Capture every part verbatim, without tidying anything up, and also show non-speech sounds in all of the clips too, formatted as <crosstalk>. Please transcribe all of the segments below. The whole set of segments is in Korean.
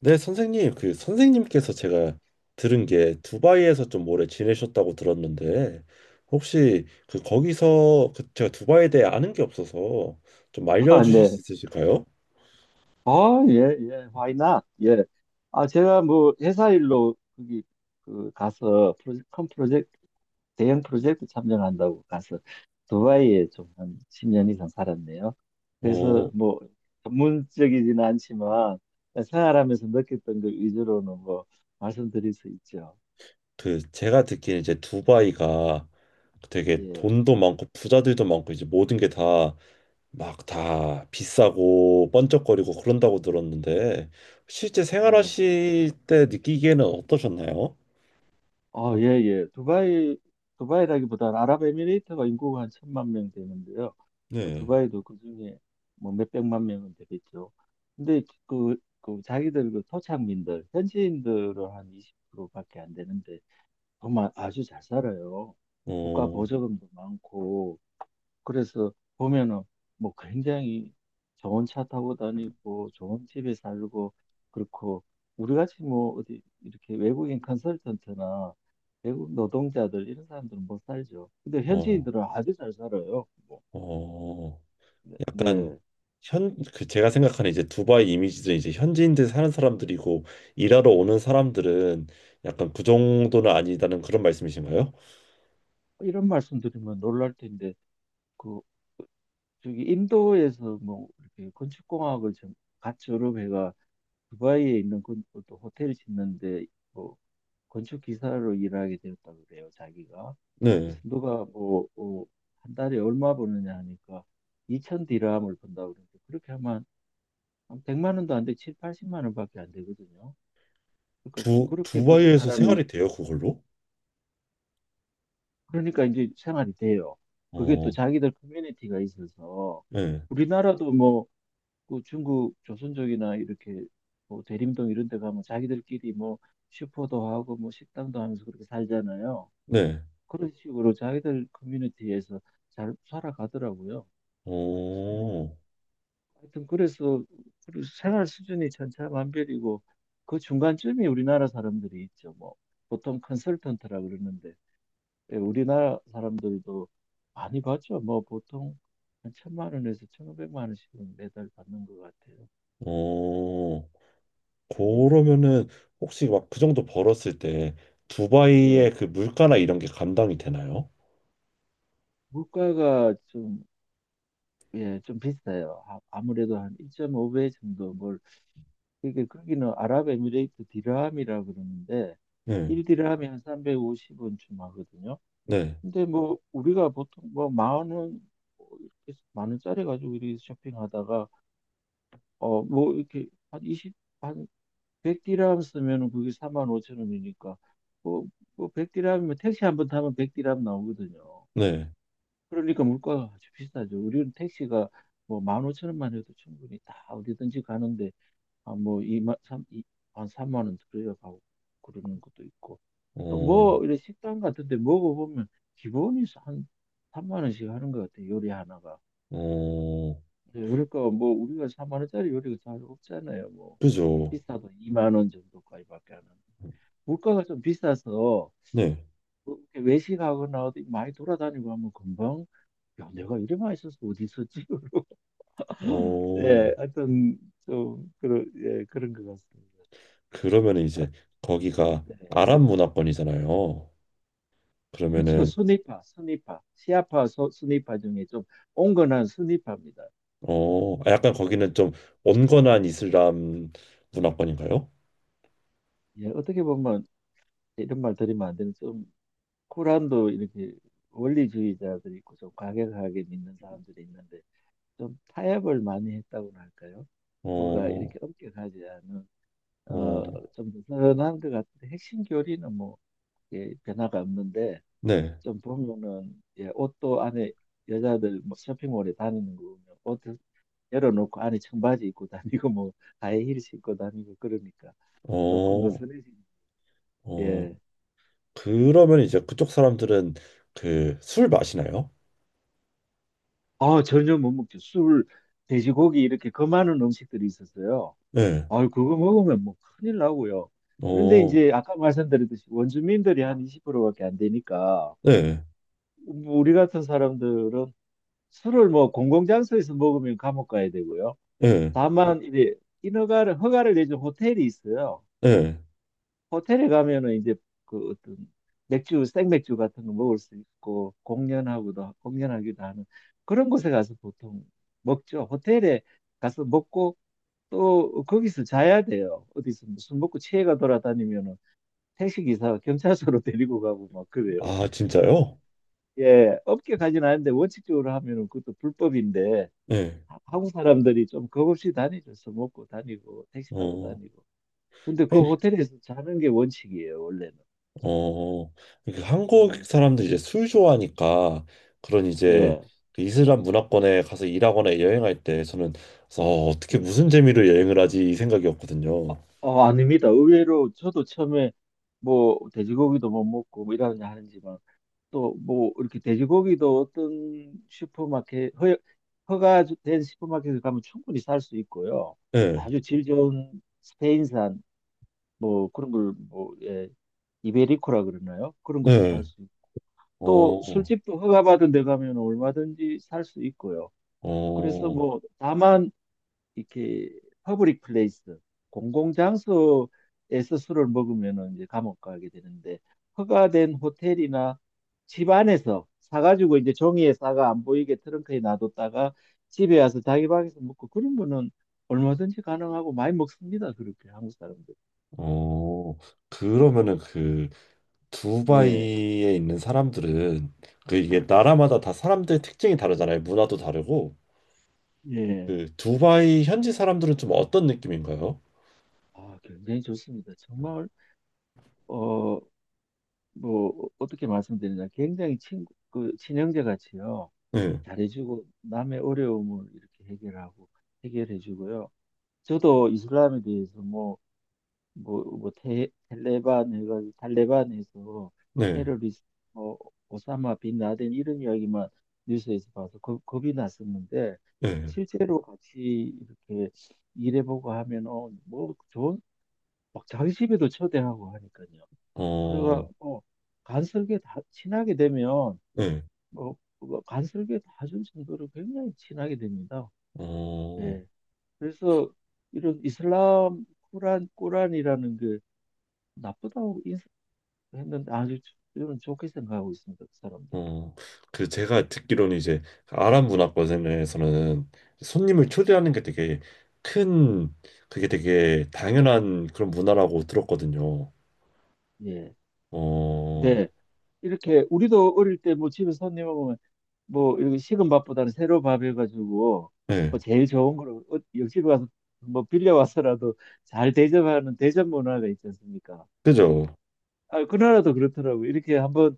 네, 선생님. 그 선생님께서 제가 들은 게 두바이에서 좀 오래 지내셨다고 들었는데 혹시 그 거기서 그 제가 두바이에 대해 아는 게 없어서 좀 아, 알려주실 수 네. 있으실까요? 어, 예, 예, why not? 예. 아, 제가 뭐 회사 일로 거기 그 가서 프로젝트, 큰 프로젝트, 대형 프로젝트 참여한다고 가서 두바이에 좀 한 십 년 이상 살았네요. 어, 그래서 뭐 전문적이지는 않지만 생활하면서 느꼈던 그 위주로는 뭐 말씀드릴 수 있죠. 그 제가 듣기에 이제 두바이가 되게 예, 돈도 많고 부자들도 많고 이제 모든 게 다 막 다 비싸고 번쩍거리고 그런다고 들었는데 실제 예. 생활하실 때 느끼기에는 어떠셨나요? 어, 예, 예. 두바이, 두바이라기보다는 아랍에미레이트가 인구가 한 천만 명 되는데요. 어, 네. 두바이도 그중에 뭐 몇백만 명은 되겠죠. 근데 그, 그 자기들 그 토착민들, 현지인들은 한 이십 프로밖에 안 되는데 정말 아주 잘 살아요. 국가 어, 보조금도 많고 그래서 보면은 뭐 굉장히 좋은 차 타고 다니고 좋은 집에 살고 그렇고 우리같이 뭐 어디 이렇게 외국인 컨설턴트나 외국 노동자들 이런 사람들은 못 살죠. 근데 어. 현지인들은 아주 잘 살아요. 뭐, 어, 네. 약간 네. 현, 그 제가 생각하는 이제 두바이 이미지는 이제 현지인들 사는 사람들이고 일하러 오는 사람들은 약간 그 정도는 아니다는 그런 말씀이신가요? 이런 말씀 드리면 놀랄 텐데 그 저기 인도에서 뭐 이렇게 건축공학을 좀 같이 여러 회가 두바이에 있는 건, 또 호텔 짓는데 뭐 건축 기사로 일하게 되었다 그래요 자기가. 그래서 네. 누가 뭐 어, 한 달에 얼마 버느냐 하니까 이천 디람을 번다 그러는데 그렇게 하면 한 백만 원도 안 돼, 칠, 팔십만 원밖에 안 되거든요. 그러니까 두, 그렇게 버는 두바이에서 사람이 생활이 돼요, 그걸로? 그러니까 이제 생활이 돼요. 그게 또 어, 자기들 커뮤니티가 있어서 네. 우리나라도 뭐그 중국 조선족이나 이렇게 뭐 대림동 이런 데 가면 자기들끼리 뭐 슈퍼도 하고 뭐 식당도 하면서 그렇게 살잖아요. 네. 그런 식으로 자기들 커뮤니티에서 잘 살아가더라고요. 그래서 뭐 어, 하여튼 그래서 우리 생활 수준이 천차만별이고 그 중간쯤이 우리나라 사람들이 있죠. 뭐 보통 컨설턴트라 그러는데 예, 우리나라 사람들도 많이 받죠. 뭐 보통 한 천만 원에서 천오백만 원씩은 매달 받는 것 같아요. 어, 예, 그러면은 혹시 막 그 정도 벌었을 때 예. 두바이의 그 물가나 이런 게 감당이 되나요? 물가가 좀, 예, 좀 비싸요. 아, 아무래도 한 일 점 오 배 정도 뭘, 그게 거기는 아랍에미레이트 디람이라 그러는데 네. 일 디람이 한 삼백오십 원쯤 하거든요. 네. 근데 뭐 우리가 보통 뭐 만 원, 뭐 이렇게 만 원짜리 가지고 이렇게 쇼핑하다가 어 뭐 이렇게 한 이십, 한 백 디람 쓰면은 그게 사만 오천 원이니까 뭐, 뭐 백 디람이면 택시 한 번 타면 백 디람 나오거든요. 네. 그러니까 물가가 아주 비싸죠. 우리는 택시가 뭐 일 오천 원만 오천 원만 해도 충분히 다 어디든지 가는데 아, 뭐 이만 삼 이한 삼만 원 들어야 가고 그러는 것도 있고 또 어, 뭐 이런 식당 같은데 먹어보면 기본이 한 삼만 원씩 하는 것 같아요. 요리 하나가. 어, 네, 그러니까 뭐 우리가 사만 원짜리 요리가 잘 없잖아요. 뭐 그죠. 비싸도 이만 원 정도까지밖에 안 하는데. 물가가 좀 비싸서 네. 렇게 외식하거나 어디 많이 돌아다니고 하면 금방 야 내가 이래 많이 써서 어디 있었지? <laughs> 예, 어, 하여튼 좀 그런 예, 그런 것 같습니다. 그러면 이제 거기가 네. 아랍 문화권이잖아요. 그렇죠. 그러면은 순위파, 순위파, 시아파, 소, 순위파 중에 좀 온건한 순위파입니다. 어, 아, 약간 거기는 좀 온건한 이슬람 문화권인가요? 예, 어떻게 보면 이런 말 드리면 안 되는 좀 쿠란도 이렇게 원리주의자들이 있고 좀 과격하게 믿는 사람들이 있는데 좀 타협을 많이 했다고나 할까요? 뭐가 어, 이렇게 엄격하지 않은 어, 어, 좀 느슨한 것 같은데 핵심 교리는 뭐 예, 변화가 없는데 네. 좀 보면은 예, 옷도 안에 여자들 뭐 쇼핑몰에 다니는 거 보면 옷 열어놓고 안에 청바지 입고 다니고 뭐 하이힐 신고 다니고 그러니까 조금 어, 느슨해지죠. 어, 예. 그러면 이제 그쪽 사람들은 그 술 마시나요? 아 전혀 못 먹죠. 술, 돼지고기 이렇게 그 많은 음식들이 있었어요. 네. 아 그거 먹으면 뭐 큰일 나고요. 그런데 어, 이제 아까 말씀드렸듯이 원주민들이 한 이십 프로밖에 안 되니까 네. 뭐 우리 같은 사람들은 술을 뭐 공공장소에서 먹으면 감옥 가야 되고요. 네. 다만 이제 인허가를 허가를 내준 호텔이 있어요. 네. 호텔에 가면은 이제 그 어떤 맥주 생맥주 같은 거 먹을 수 있고 공연하고도 공연하기도 하는 그런 곳에 가서 보통 먹죠. 호텔에 가서 먹고 또 거기서 자야 돼요. 어디서 무슨 먹고 취해가 돌아다니면은 택시기사 경찰서로 <laughs> 데리고 가고 막 그래요. 아, 진짜요? 예, 업계 가진 않는데 원칙적으로 하면은 그것도 불법인데 네. 한국 사람들이 좀 겁없이 다니죠. 술 먹고 다니고 택시 타고 어. 다니고. 근데 그 호텔에서 자는 게 원칙이에요, 원래는. 어, 이렇게 한국 음, 사람들이 이제 술 좋아하니까 그런 이제 예, 그 이슬람 문화권에 가서 일하거나 여행할 때 저는 그래서 어, 어떻게 예. 무슨 재미로 여행을 하지 이 생각이었거든요. 어, 아닙니다. 의외로 저도 처음에 뭐 돼지고기도 못 먹고 뭐 이러냐 하는지만 또 뭐 이렇게 돼지고기도 어떤 슈퍼마켓 허, 허가된 슈퍼마켓에 가면 충분히 살 수 있고요. 네, 아주 질 좋은 스페인산 뭐 그런 걸뭐 예, 이베리코라 그러나요? 그런 것도 살 네. 수 있고 또 어, 술집도 허가받은 데 가면 얼마든지 살 수 있고요. 그래서 어, 뭐 다만 이렇게 퍼블릭 플레이스 공공장소에서 술을 먹으면은 이제 감옥 가게 되는데 허가된 호텔이나 집 안에서 사가지고 이제 종이에 싸가 안 보이게 트렁크에 놔뒀다가 집에 와서 자기 방에서 먹고 그런 거는 얼마든지 가능하고 많이 먹습니다. 그렇게 한국 사람들. 어. 그러면은 그 예, 두바이에 있는 사람들은 그 이게 나라마다 다 사람들 특징이 다르잖아요. 문화도 다르고 예. 그 두바이 현지 사람들은 좀 어떤 느낌인가요? 아, 굉장히 좋습니다. 정말 어 뭐 어- 떻게 말씀드리냐 굉장히 친구 그 친형제 같이요. 네, 잘해주고 남의 어려움을 이렇게 해결하고 해결해주고요. 저도 이슬람에 대해서 뭐 뭐뭐 텔레반 해가지고 탈레반에서 네, 테러리스트 뭐 오사마 빈 라덴 이런 이야기만 뉴스에서 봐서 겁, 겁이 났었는데 네. 실제로 같이 이렇게 일해보고 하면 어, 뭐 좋은 막 자기 집에도 초대하고 하니까요. 그래가 어, 뭐 간설계 다 친하게 되면 네. 뭐 그거 간설계 다 준 정도로 굉장히 친하게 됩니다. 어, 예. 그래서 이런 이슬람 꾸란 꾸란이라는 게 나쁘다고 인식했는데 아주 저는 좋게 생각하고 있습니다. 그 사람들. 어, 그 제가 듣기로는 이제 아랍 문화권에서는 손님을 초대하는 게 되게 큰, 그게 되게 당연한 그런 문화라고 들었거든요. 예. 어, 네. 이렇게 우리도 어릴 때 뭐 집에 손님 오면 뭐 이렇게 식은 밥보다는 새로 밥 해가지고 네. 뭐 제일 좋은 거로 어, 옆집에 가서 뭐 빌려와서라도 잘 대접하는 대접 문화가 있지 않습니까? 그죠? 아, 그 나라도 그렇더라고. 이렇게 한번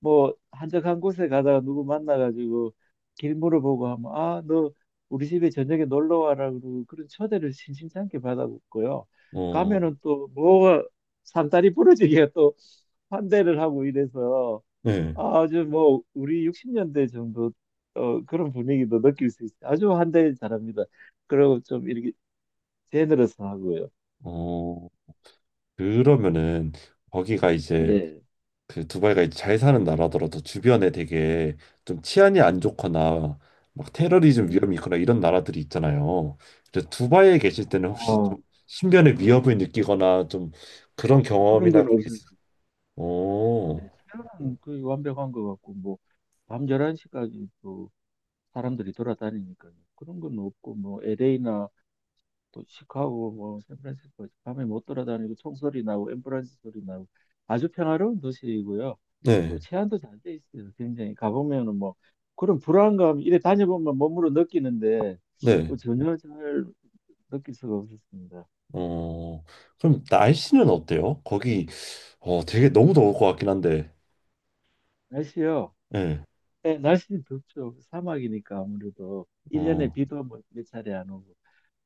뭐 한적한 곳에 가다가 누구 만나가지고 길 물어보고 하면 아, 너 우리 집에 저녁에 놀러 와라 그러고 그런 초대를 심심찮게 받았고요. 어, 가면은 또 뭐가 산다리 부러지게 또 환대를 하고 이래서 네. 아주 뭐 우리 육십 년대 정도 어, 그런 분위기도 느낄 수 있어요. 아주 환대 잘합니다. 그리고 좀 이렇게 제너러스 하고요. 어, 그러면은 거기가 이제 예, 그 두바이가 이제 잘 사는 나라더라도 주변에 되게 좀 치안이 안 좋거나 막 테러리즘 위험이 예. 있거나 이런 나라들이 있잖아요. 그래서 두바이에 계실 때는 혹시 좀 어, 신변의 위협을 느끼거나 좀 그런 어, 그- 그런 경험이나 건 그런 게 없어요. 있어요? 네, 오, 수면은 거의 완벽한 것 같고, 뭐, 밤 열한 시까지 또 사람들이 돌아다니니까요. 그런 건 없고, 뭐, 엘에이나 시카고, 뭐, 샌프란시스코, 밤에 못 돌아다니고 총소리 나고, 앰뷸런스 소리 나고, 아주 평화로운 도시이고요. 그리고 네, 치안도 잘 돼 있어요. 굉장히. 가보면은 뭐, 그런 불안감, 이래 다녀보면 몸으로 느끼는데, 네. 뭐 전혀 잘 느낄 수가 없었습니다. 어, 그럼 날씨는 어때요? 거기 어 되게 너무 더울 것 같긴 한데, 날씨요? 네, 네, 날씨는 덥죠. 사막이니까 아무래도. 일년에 어, 비도 뭐 몇 차례 안 오고.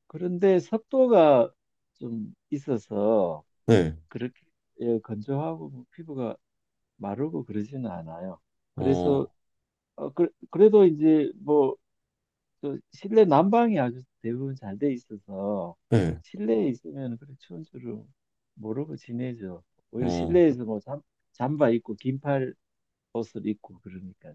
그런데 습도가 좀 있어서 네, 그렇게 예, 건조하고 뭐 피부가 마르고 그러지는 않아요. 그래서 어, 어, 그, 래도 이제 뭐저 실내 난방이 아주 대부분 잘 돼 있어서 네, 실내에 있으면 그래 추운 줄을 모르고 지내죠. 오히려 어, 실내에서 뭐 잠, 잠바 입고 긴팔 옷을 입고 그러니까요.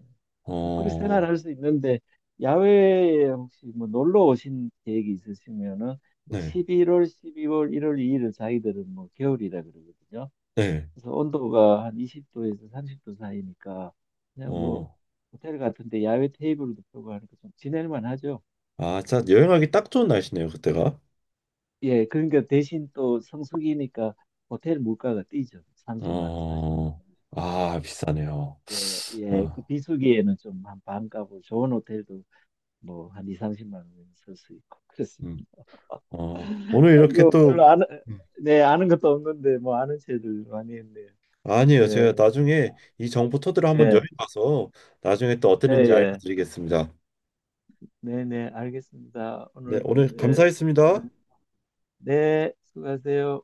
뭐 그렇게 어, 생활할 수 있는데 야외에 혹시 뭐 놀러 오신 계획이 있으시면은 네, 십일 월, 십이 월, 일 월, 이 일을 자기들은 뭐 겨울이라 그러거든요. 네, 그래서 온도가 한 이십 도에서 삼십 도 사이니까 그냥 뭐 어. 호텔 같은데 야외 테이블도 펴고 하니까 좀 지낼만 하죠. 아, 진짜 여행하기 딱 좋은 날씨네요, 그때가. 예, 그러니까 대신 또 성수기니까 호텔 물가가 뛰죠. 삼십만 원, 사십만 어, 원. 아, 비싸네요. 예, 예, 아, 그 비수기에는 좀 한 반값으로 좋은 호텔도 뭐 한 이, 삼십만 원은 쓸 수 있고 음, 그랬습니다. 어, 오늘 이렇게 이거 또, 별로 아는, 음. 네, 아는 것도 없는데, 뭐 아는 체를 많이 했네요. 아니에요. 예, 제가 나중에 이 정보 토대로 한번 여행 네, 가서 나중에 또 네, 어땠는지 예, 알려드리겠습니다. 네, 네, 알겠습니다. 네, 오늘, 오늘 예, 수고- 감사했습니다. 네, 수고하세요.